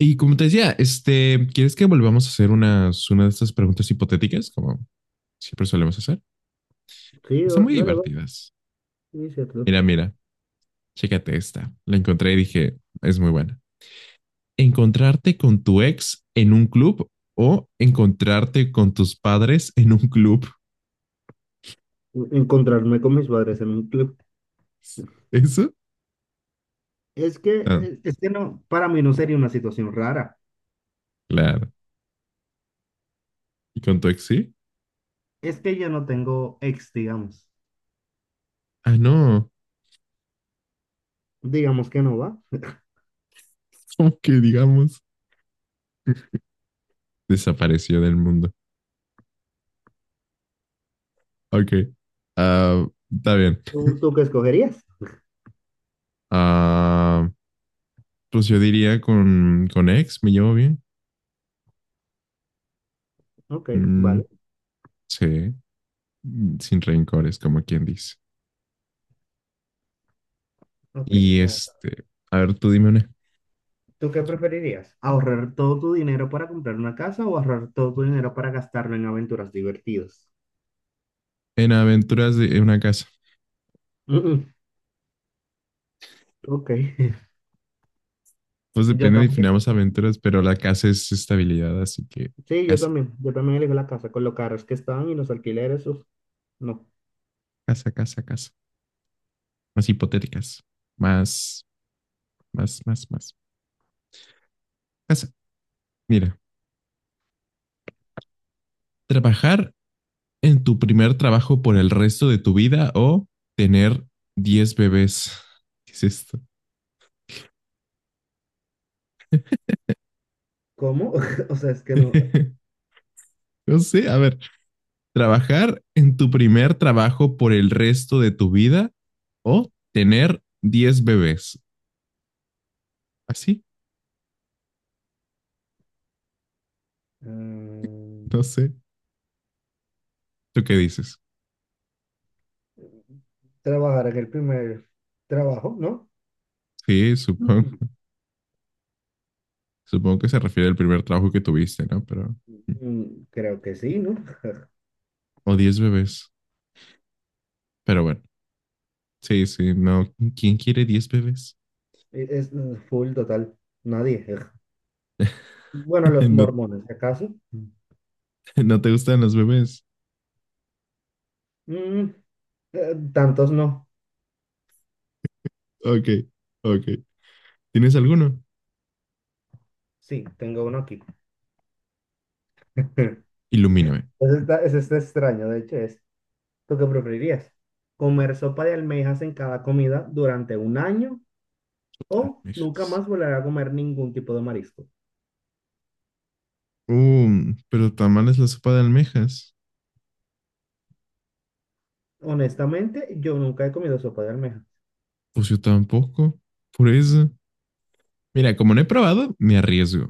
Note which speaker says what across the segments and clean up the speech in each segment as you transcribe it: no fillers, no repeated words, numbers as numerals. Speaker 1: Y como te decía, ¿quieres que volvamos a hacer una de estas preguntas hipotéticas, como siempre solemos hacer?
Speaker 2: Sí,
Speaker 1: Están muy
Speaker 2: dale, va,
Speaker 1: divertidas.
Speaker 2: sí, es cierto.
Speaker 1: Mira, chécate esta. La encontré y dije, es muy buena. ¿Encontrarte con tu ex en un club o encontrarte con tus padres en un club?
Speaker 2: Encontrarme con mis padres en un club.
Speaker 1: ¿Eso? Ah,
Speaker 2: Es que no, para mí no sería una situación rara.
Speaker 1: claro. ¿Y con tu ex sí?
Speaker 2: Es que yo no tengo ex, digamos.
Speaker 1: Ah, no.
Speaker 2: Digamos que no va.
Speaker 1: Como que digamos, desapareció del mundo. Ok. Ah, está bien.
Speaker 2: ¿Tú qué escogerías?
Speaker 1: Ah, pues yo diría con ex, me llevo bien.
Speaker 2: Ok,
Speaker 1: Mm,
Speaker 2: vale.
Speaker 1: sí, sin rencores, como quien dice.
Speaker 2: Ok,
Speaker 1: Y
Speaker 2: no.
Speaker 1: a ver, tú dime una.
Speaker 2: ¿Tú qué preferirías? ¿Ahorrar todo tu dinero para comprar una casa o ahorrar todo tu dinero para gastarlo en aventuras divertidas?
Speaker 1: En aventuras de en una casa.
Speaker 2: Mm, mm, ok.
Speaker 1: Pues
Speaker 2: Yo
Speaker 1: depende,
Speaker 2: también.
Speaker 1: definamos aventuras, pero la casa es estabilidad, así que
Speaker 2: Sí, yo
Speaker 1: casa,
Speaker 2: también. Yo también elijo la casa con los carros que están y los alquileres. Uf, no.
Speaker 1: casa. Más hipotéticas, más, más. Casa. Mira, trabajar en tu primer trabajo por el resto de tu vida o tener 10 bebés. ¿Qué es esto?
Speaker 2: ¿Cómo? O sea, es que no.
Speaker 1: No sé, a ver, trabajar en tu primer trabajo por el resto de tu vida o tener 10 bebés. Así,
Speaker 2: mm,
Speaker 1: no sé. ¿Tú qué dices?
Speaker 2: Trabajar en el primer trabajo, ¿no?
Speaker 1: Sí, supongo que se refiere al primer trabajo que tuviste, ¿no? Pero, mm,
Speaker 2: Creo que sí, ¿no?
Speaker 1: o 10 bebés. Pero bueno, sí, sí, no. ¿Quién quiere diez bebés?
Speaker 2: Es full total, nadie. Bueno, los
Speaker 1: ¿No,
Speaker 2: mormones, ¿si acaso?
Speaker 1: no te gustan los bebés?
Speaker 2: Mm, Tantos no.
Speaker 1: Ok, ok. ¿Tienes alguno?
Speaker 2: Sí, tengo uno aquí.
Speaker 1: Ilumíname.
Speaker 2: Ese está extraño, de hecho, es. ¿Tú qué preferirías? ¿Comer sopa de almejas en cada comida durante un año o nunca
Speaker 1: Almejas.
Speaker 2: más volver a comer ningún tipo de marisco?
Speaker 1: Pero tamales la sopa de almejas.
Speaker 2: Honestamente, yo nunca he comido sopa de almejas.
Speaker 1: Pues yo tampoco. Por eso. Mira, como no he probado, me arriesgo.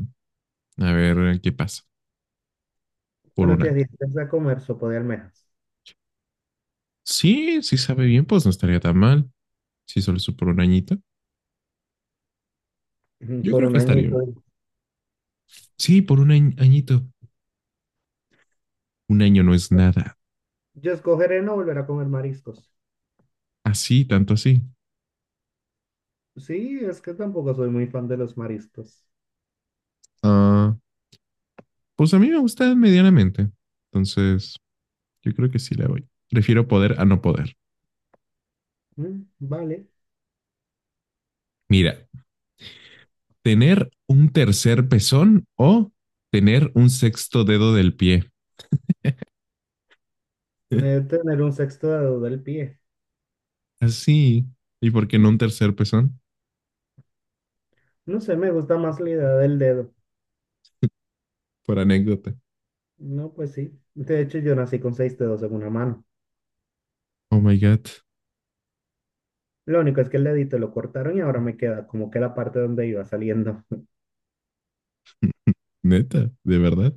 Speaker 1: A ver qué pasa por
Speaker 2: Pero
Speaker 1: un
Speaker 2: te
Speaker 1: año.
Speaker 2: adiestras a comer sopa de almejas.
Speaker 1: Sí, sí sabe bien, pues no estaría tan mal. Si solo es por un añito, yo
Speaker 2: Por
Speaker 1: creo
Speaker 2: un
Speaker 1: que estaría
Speaker 2: añito.
Speaker 1: bien. Sí, por un añito. Un año no es nada.
Speaker 2: Yo escogeré no volver a comer mariscos.
Speaker 1: Así, tanto así.
Speaker 2: Sí, es que tampoco soy muy fan de los mariscos.
Speaker 1: Ah, pues a mí me gusta medianamente. Entonces, yo creo que sí le voy. Prefiero poder a no poder.
Speaker 2: Mm, vale.
Speaker 1: Mira, tener un tercer pezón o tener un sexto dedo del pie.
Speaker 2: Tener un sexto dedo del pie.
Speaker 1: Así. ¿Y por qué no un tercer pezón?
Speaker 2: No sé, me gusta más la idea del dedo.
Speaker 1: Por anécdota.
Speaker 2: No, pues sí. De hecho, yo nací con seis dedos en una mano.
Speaker 1: Oh my God,
Speaker 2: Lo único es que el dedito lo cortaron y ahora me queda como que la parte donde iba saliendo.
Speaker 1: neta, de verdad.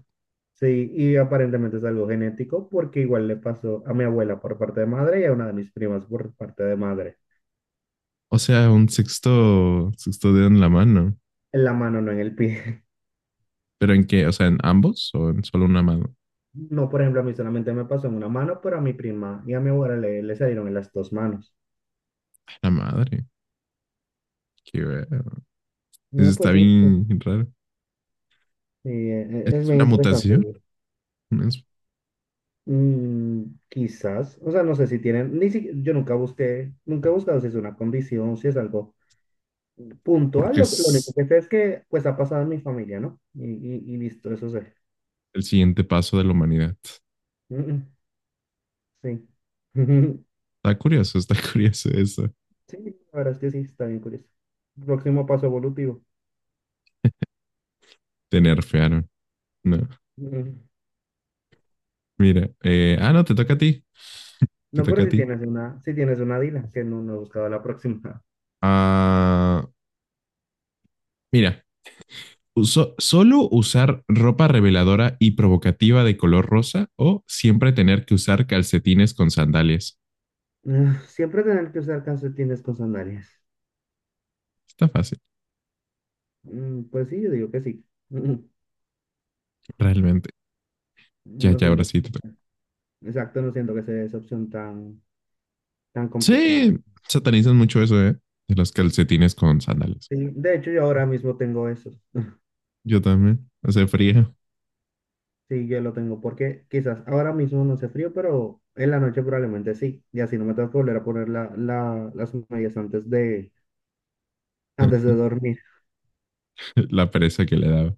Speaker 2: Sí, y aparentemente es algo genético porque igual le pasó a mi abuela por parte de madre y a una de mis primas por parte de madre.
Speaker 1: O sea, un sexto dedo en la mano.
Speaker 2: En la mano, no en el pie.
Speaker 1: ¿Pero en qué? O sea, ¿en ambos o en solo una mano?
Speaker 2: No, por ejemplo, a mí solamente me pasó en una mano, pero a mi prima y a mi abuela le salieron en las dos manos.
Speaker 1: La madre, qué raro. Eso
Speaker 2: No,
Speaker 1: está
Speaker 2: pues sí,
Speaker 1: bien raro.
Speaker 2: sí, es
Speaker 1: ¿Es
Speaker 2: bien
Speaker 1: una
Speaker 2: interesante,
Speaker 1: mutación?
Speaker 2: güey.
Speaker 1: Es
Speaker 2: Mm, quizás, o sea, no sé si tienen, ni si, yo nunca busqué, nunca he buscado si es una condición, si es algo puntual.
Speaker 1: porque
Speaker 2: Lo único
Speaker 1: es
Speaker 2: que sé es que, pues, ha pasado en mi familia, ¿no? Y listo, eso sé.
Speaker 1: el siguiente paso de la humanidad.
Speaker 2: Mm, mm, sí.
Speaker 1: Está curioso, está curioso eso.
Speaker 2: Sí, la verdad es que sí, está bien curioso. Próximo paso evolutivo.
Speaker 1: Te nerfearon. No,
Speaker 2: Mm.
Speaker 1: mira. No, te toca a ti. Te
Speaker 2: No, pero
Speaker 1: toca a
Speaker 2: si
Speaker 1: ti.
Speaker 2: tienes una, si tienes una Dila, que no, no he buscado la próxima.
Speaker 1: Ah, mira, ¿Solo usar ropa reveladora y provocativa de color rosa o siempre tener que usar calcetines con sandalias?
Speaker 2: Ah, siempre tener que usar calcetines con sandalias.
Speaker 1: Está fácil,
Speaker 2: Mm, pues sí, yo digo que sí.
Speaker 1: realmente. Ya,
Speaker 2: No
Speaker 1: ya, ahora
Speaker 2: siento,
Speaker 1: sí te toca.
Speaker 2: exacto, no siento que sea esa opción tan, tan complicada.
Speaker 1: Sí, satanizan mucho eso, ¿eh? De los calcetines con sandalias.
Speaker 2: Sí, de hecho, yo ahora mismo tengo eso.
Speaker 1: Yo también. Hace frío.
Speaker 2: Sí, yo lo tengo porque quizás ahora mismo no hace frío, pero en la noche probablemente sí. Y así no me tengo que volver a poner las medias antes de dormir.
Speaker 1: La pereza que le daba.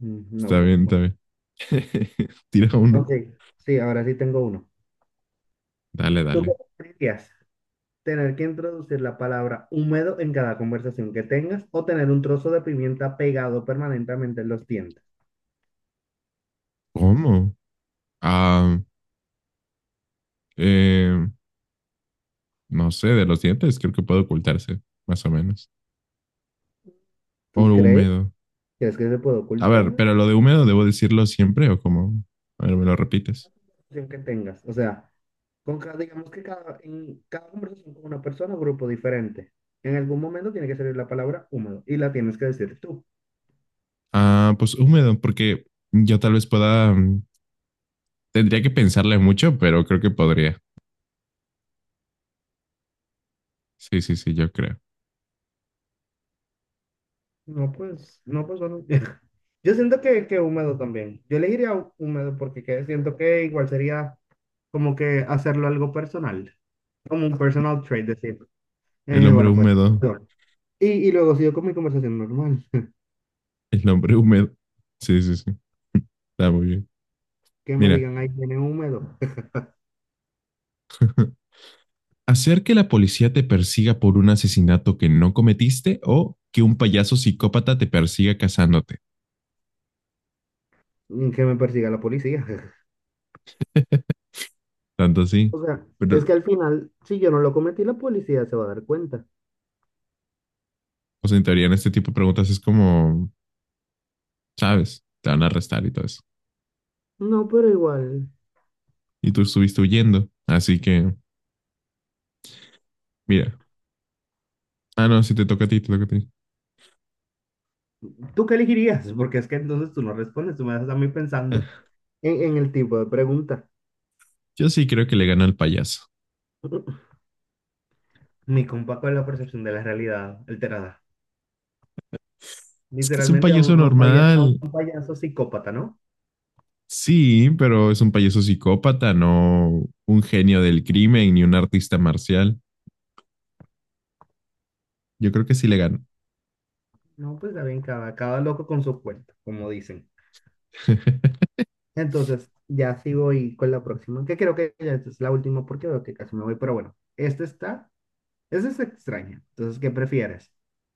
Speaker 2: No,
Speaker 1: Está
Speaker 2: pues
Speaker 1: bien, está
Speaker 2: bueno.
Speaker 1: bien. Tira uno.
Speaker 2: Ok, sí, ahora sí tengo uno.
Speaker 1: Dale,
Speaker 2: ¿Tú qué
Speaker 1: dale.
Speaker 2: preferirías? Tener que introducir la palabra húmedo en cada conversación que tengas o tener un trozo de pimienta pegado permanentemente en los dientes.
Speaker 1: ¿Cómo? Ah, eh, no sé, de los dientes creo que puede ocultarse, más o menos.
Speaker 2: ¿Tú
Speaker 1: Oro
Speaker 2: crees?
Speaker 1: húmedo.
Speaker 2: ¿Crees que se puede
Speaker 1: A
Speaker 2: ocultar
Speaker 1: ver,
Speaker 2: la
Speaker 1: pero lo de húmedo, ¿debo decirlo siempre o cómo? A ver, me lo repites.
Speaker 2: conversación que tengas? O sea, con cada, digamos que cada, en cada conversación con una persona o grupo diferente, en algún momento tiene que salir la palabra húmedo y la tienes que decir tú.
Speaker 1: Ah, pues húmedo, porque yo tal vez pueda, tendría que pensarle mucho, pero creo que podría. Sí, yo creo.
Speaker 2: No, pues, no, pues, bueno. Yo siento que húmedo también. Yo elegiría húmedo porque siento que igual sería como que hacerlo algo personal, como un personal trait, decir.
Speaker 1: El hombre
Speaker 2: Bueno, pues.
Speaker 1: húmedo,
Speaker 2: Yo. Luego sigo con mi conversación normal.
Speaker 1: el hombre húmedo. Sí, está muy bien.
Speaker 2: Que me
Speaker 1: Mira,
Speaker 2: digan, ahí viene húmedo.
Speaker 1: hacer que la policía te persiga por un asesinato que no cometiste o que un payaso psicópata te persiga cazándote.
Speaker 2: Que me persiga la policía.
Speaker 1: Tanto así.
Speaker 2: O sea, es
Speaker 1: Pero,
Speaker 2: que al final, si yo no lo cometí, la policía se va a dar cuenta.
Speaker 1: pues en teoría en este tipo de preguntas es como, sabes, te van a arrestar y todo eso.
Speaker 2: No, pero igual.
Speaker 1: Y tú estuviste huyendo. Así que, mira. Ah, no, sí te toca a ti, te toca a ti.
Speaker 2: ¿Tú qué elegirías? Porque es que entonces tú no respondes, tú me dejas a mí pensando en el tipo de pregunta.
Speaker 1: Yo sí creo que le ganó al payaso.
Speaker 2: Mi compa con la percepción de la realidad alterada.
Speaker 1: Es que es un
Speaker 2: Literalmente a
Speaker 1: payaso normal.
Speaker 2: un payaso psicópata, ¿no?
Speaker 1: Sí, pero es un payaso psicópata, no un genio del crimen ni un artista marcial. Yo creo que sí le ganó.
Speaker 2: No, pues está bien, cada loco con su cuento, como dicen. Entonces, ya sigo y con la próxima, que creo que ya es la última porque veo que casi me voy, pero bueno, esta es extraña. Entonces, ¿qué prefieres?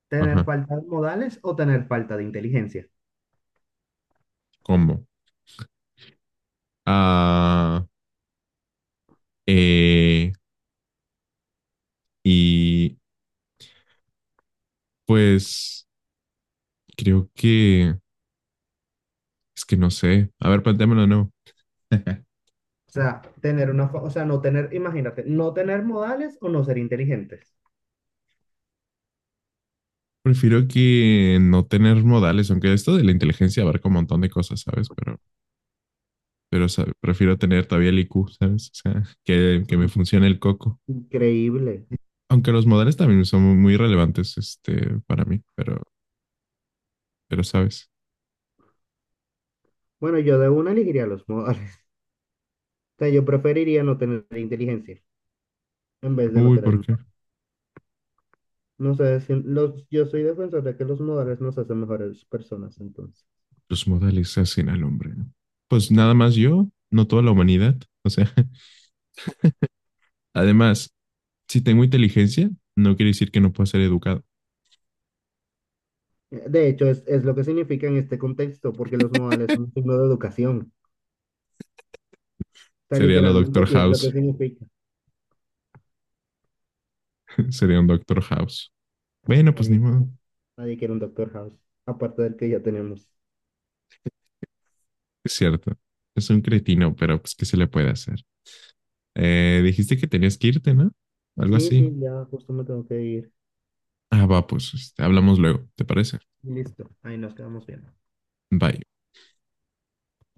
Speaker 2: ¿Tener
Speaker 1: Ajá,
Speaker 2: falta de modales o tener falta de inteligencia?
Speaker 1: combo. Ah, eh, y pues creo que es que no sé. A ver, planteámoslo de nuevo.
Speaker 2: O sea, tener una, o sea, no tener, imagínate, no tener modales o no ser inteligentes.
Speaker 1: Prefiero que no tener modales, aunque esto de la inteligencia abarca un montón de cosas, ¿sabes? Pero ¿sabe? Prefiero tener todavía el IQ, ¿sabes? O sea, que me
Speaker 2: Ujú,
Speaker 1: funcione el coco.
Speaker 2: increíble.
Speaker 1: Aunque los modales también son muy relevantes, para mí, pero, ¿sabes?
Speaker 2: Bueno, yo de una elegiría los modales. O sea, yo preferiría no tener inteligencia en vez de no
Speaker 1: Uy,
Speaker 2: tener
Speaker 1: ¿por qué?
Speaker 2: modales. No sé, yo soy defensor de que los modales nos hacen mejores personas, entonces.
Speaker 1: Los modales hacen al hombre. ¿No? Pues nada más yo, no toda la humanidad. O sea, además, si tengo inteligencia, no quiere decir que no pueda ser educado.
Speaker 2: De hecho, es lo que significa en este contexto, porque los modales son un signo de educación. O sea,
Speaker 1: Sería lo Doctor
Speaker 2: literalmente sí es lo
Speaker 1: House,
Speaker 2: que significa.
Speaker 1: sería un Doctor House. Bueno, pues ni
Speaker 2: Nadie,
Speaker 1: modo.
Speaker 2: quiere- Nadie quiere un Doctor House, aparte del que ya tenemos.
Speaker 1: Es cierto. Es un cretino, pero pues, ¿qué se le puede hacer? Dijiste que tenías que irte, ¿no? Algo
Speaker 2: Sí, sí,
Speaker 1: así.
Speaker 2: ya justo me tengo que ir.
Speaker 1: Ah, va, pues, hablamos luego, ¿te parece?
Speaker 2: Listo, ahí nos quedamos bien.
Speaker 1: Bye.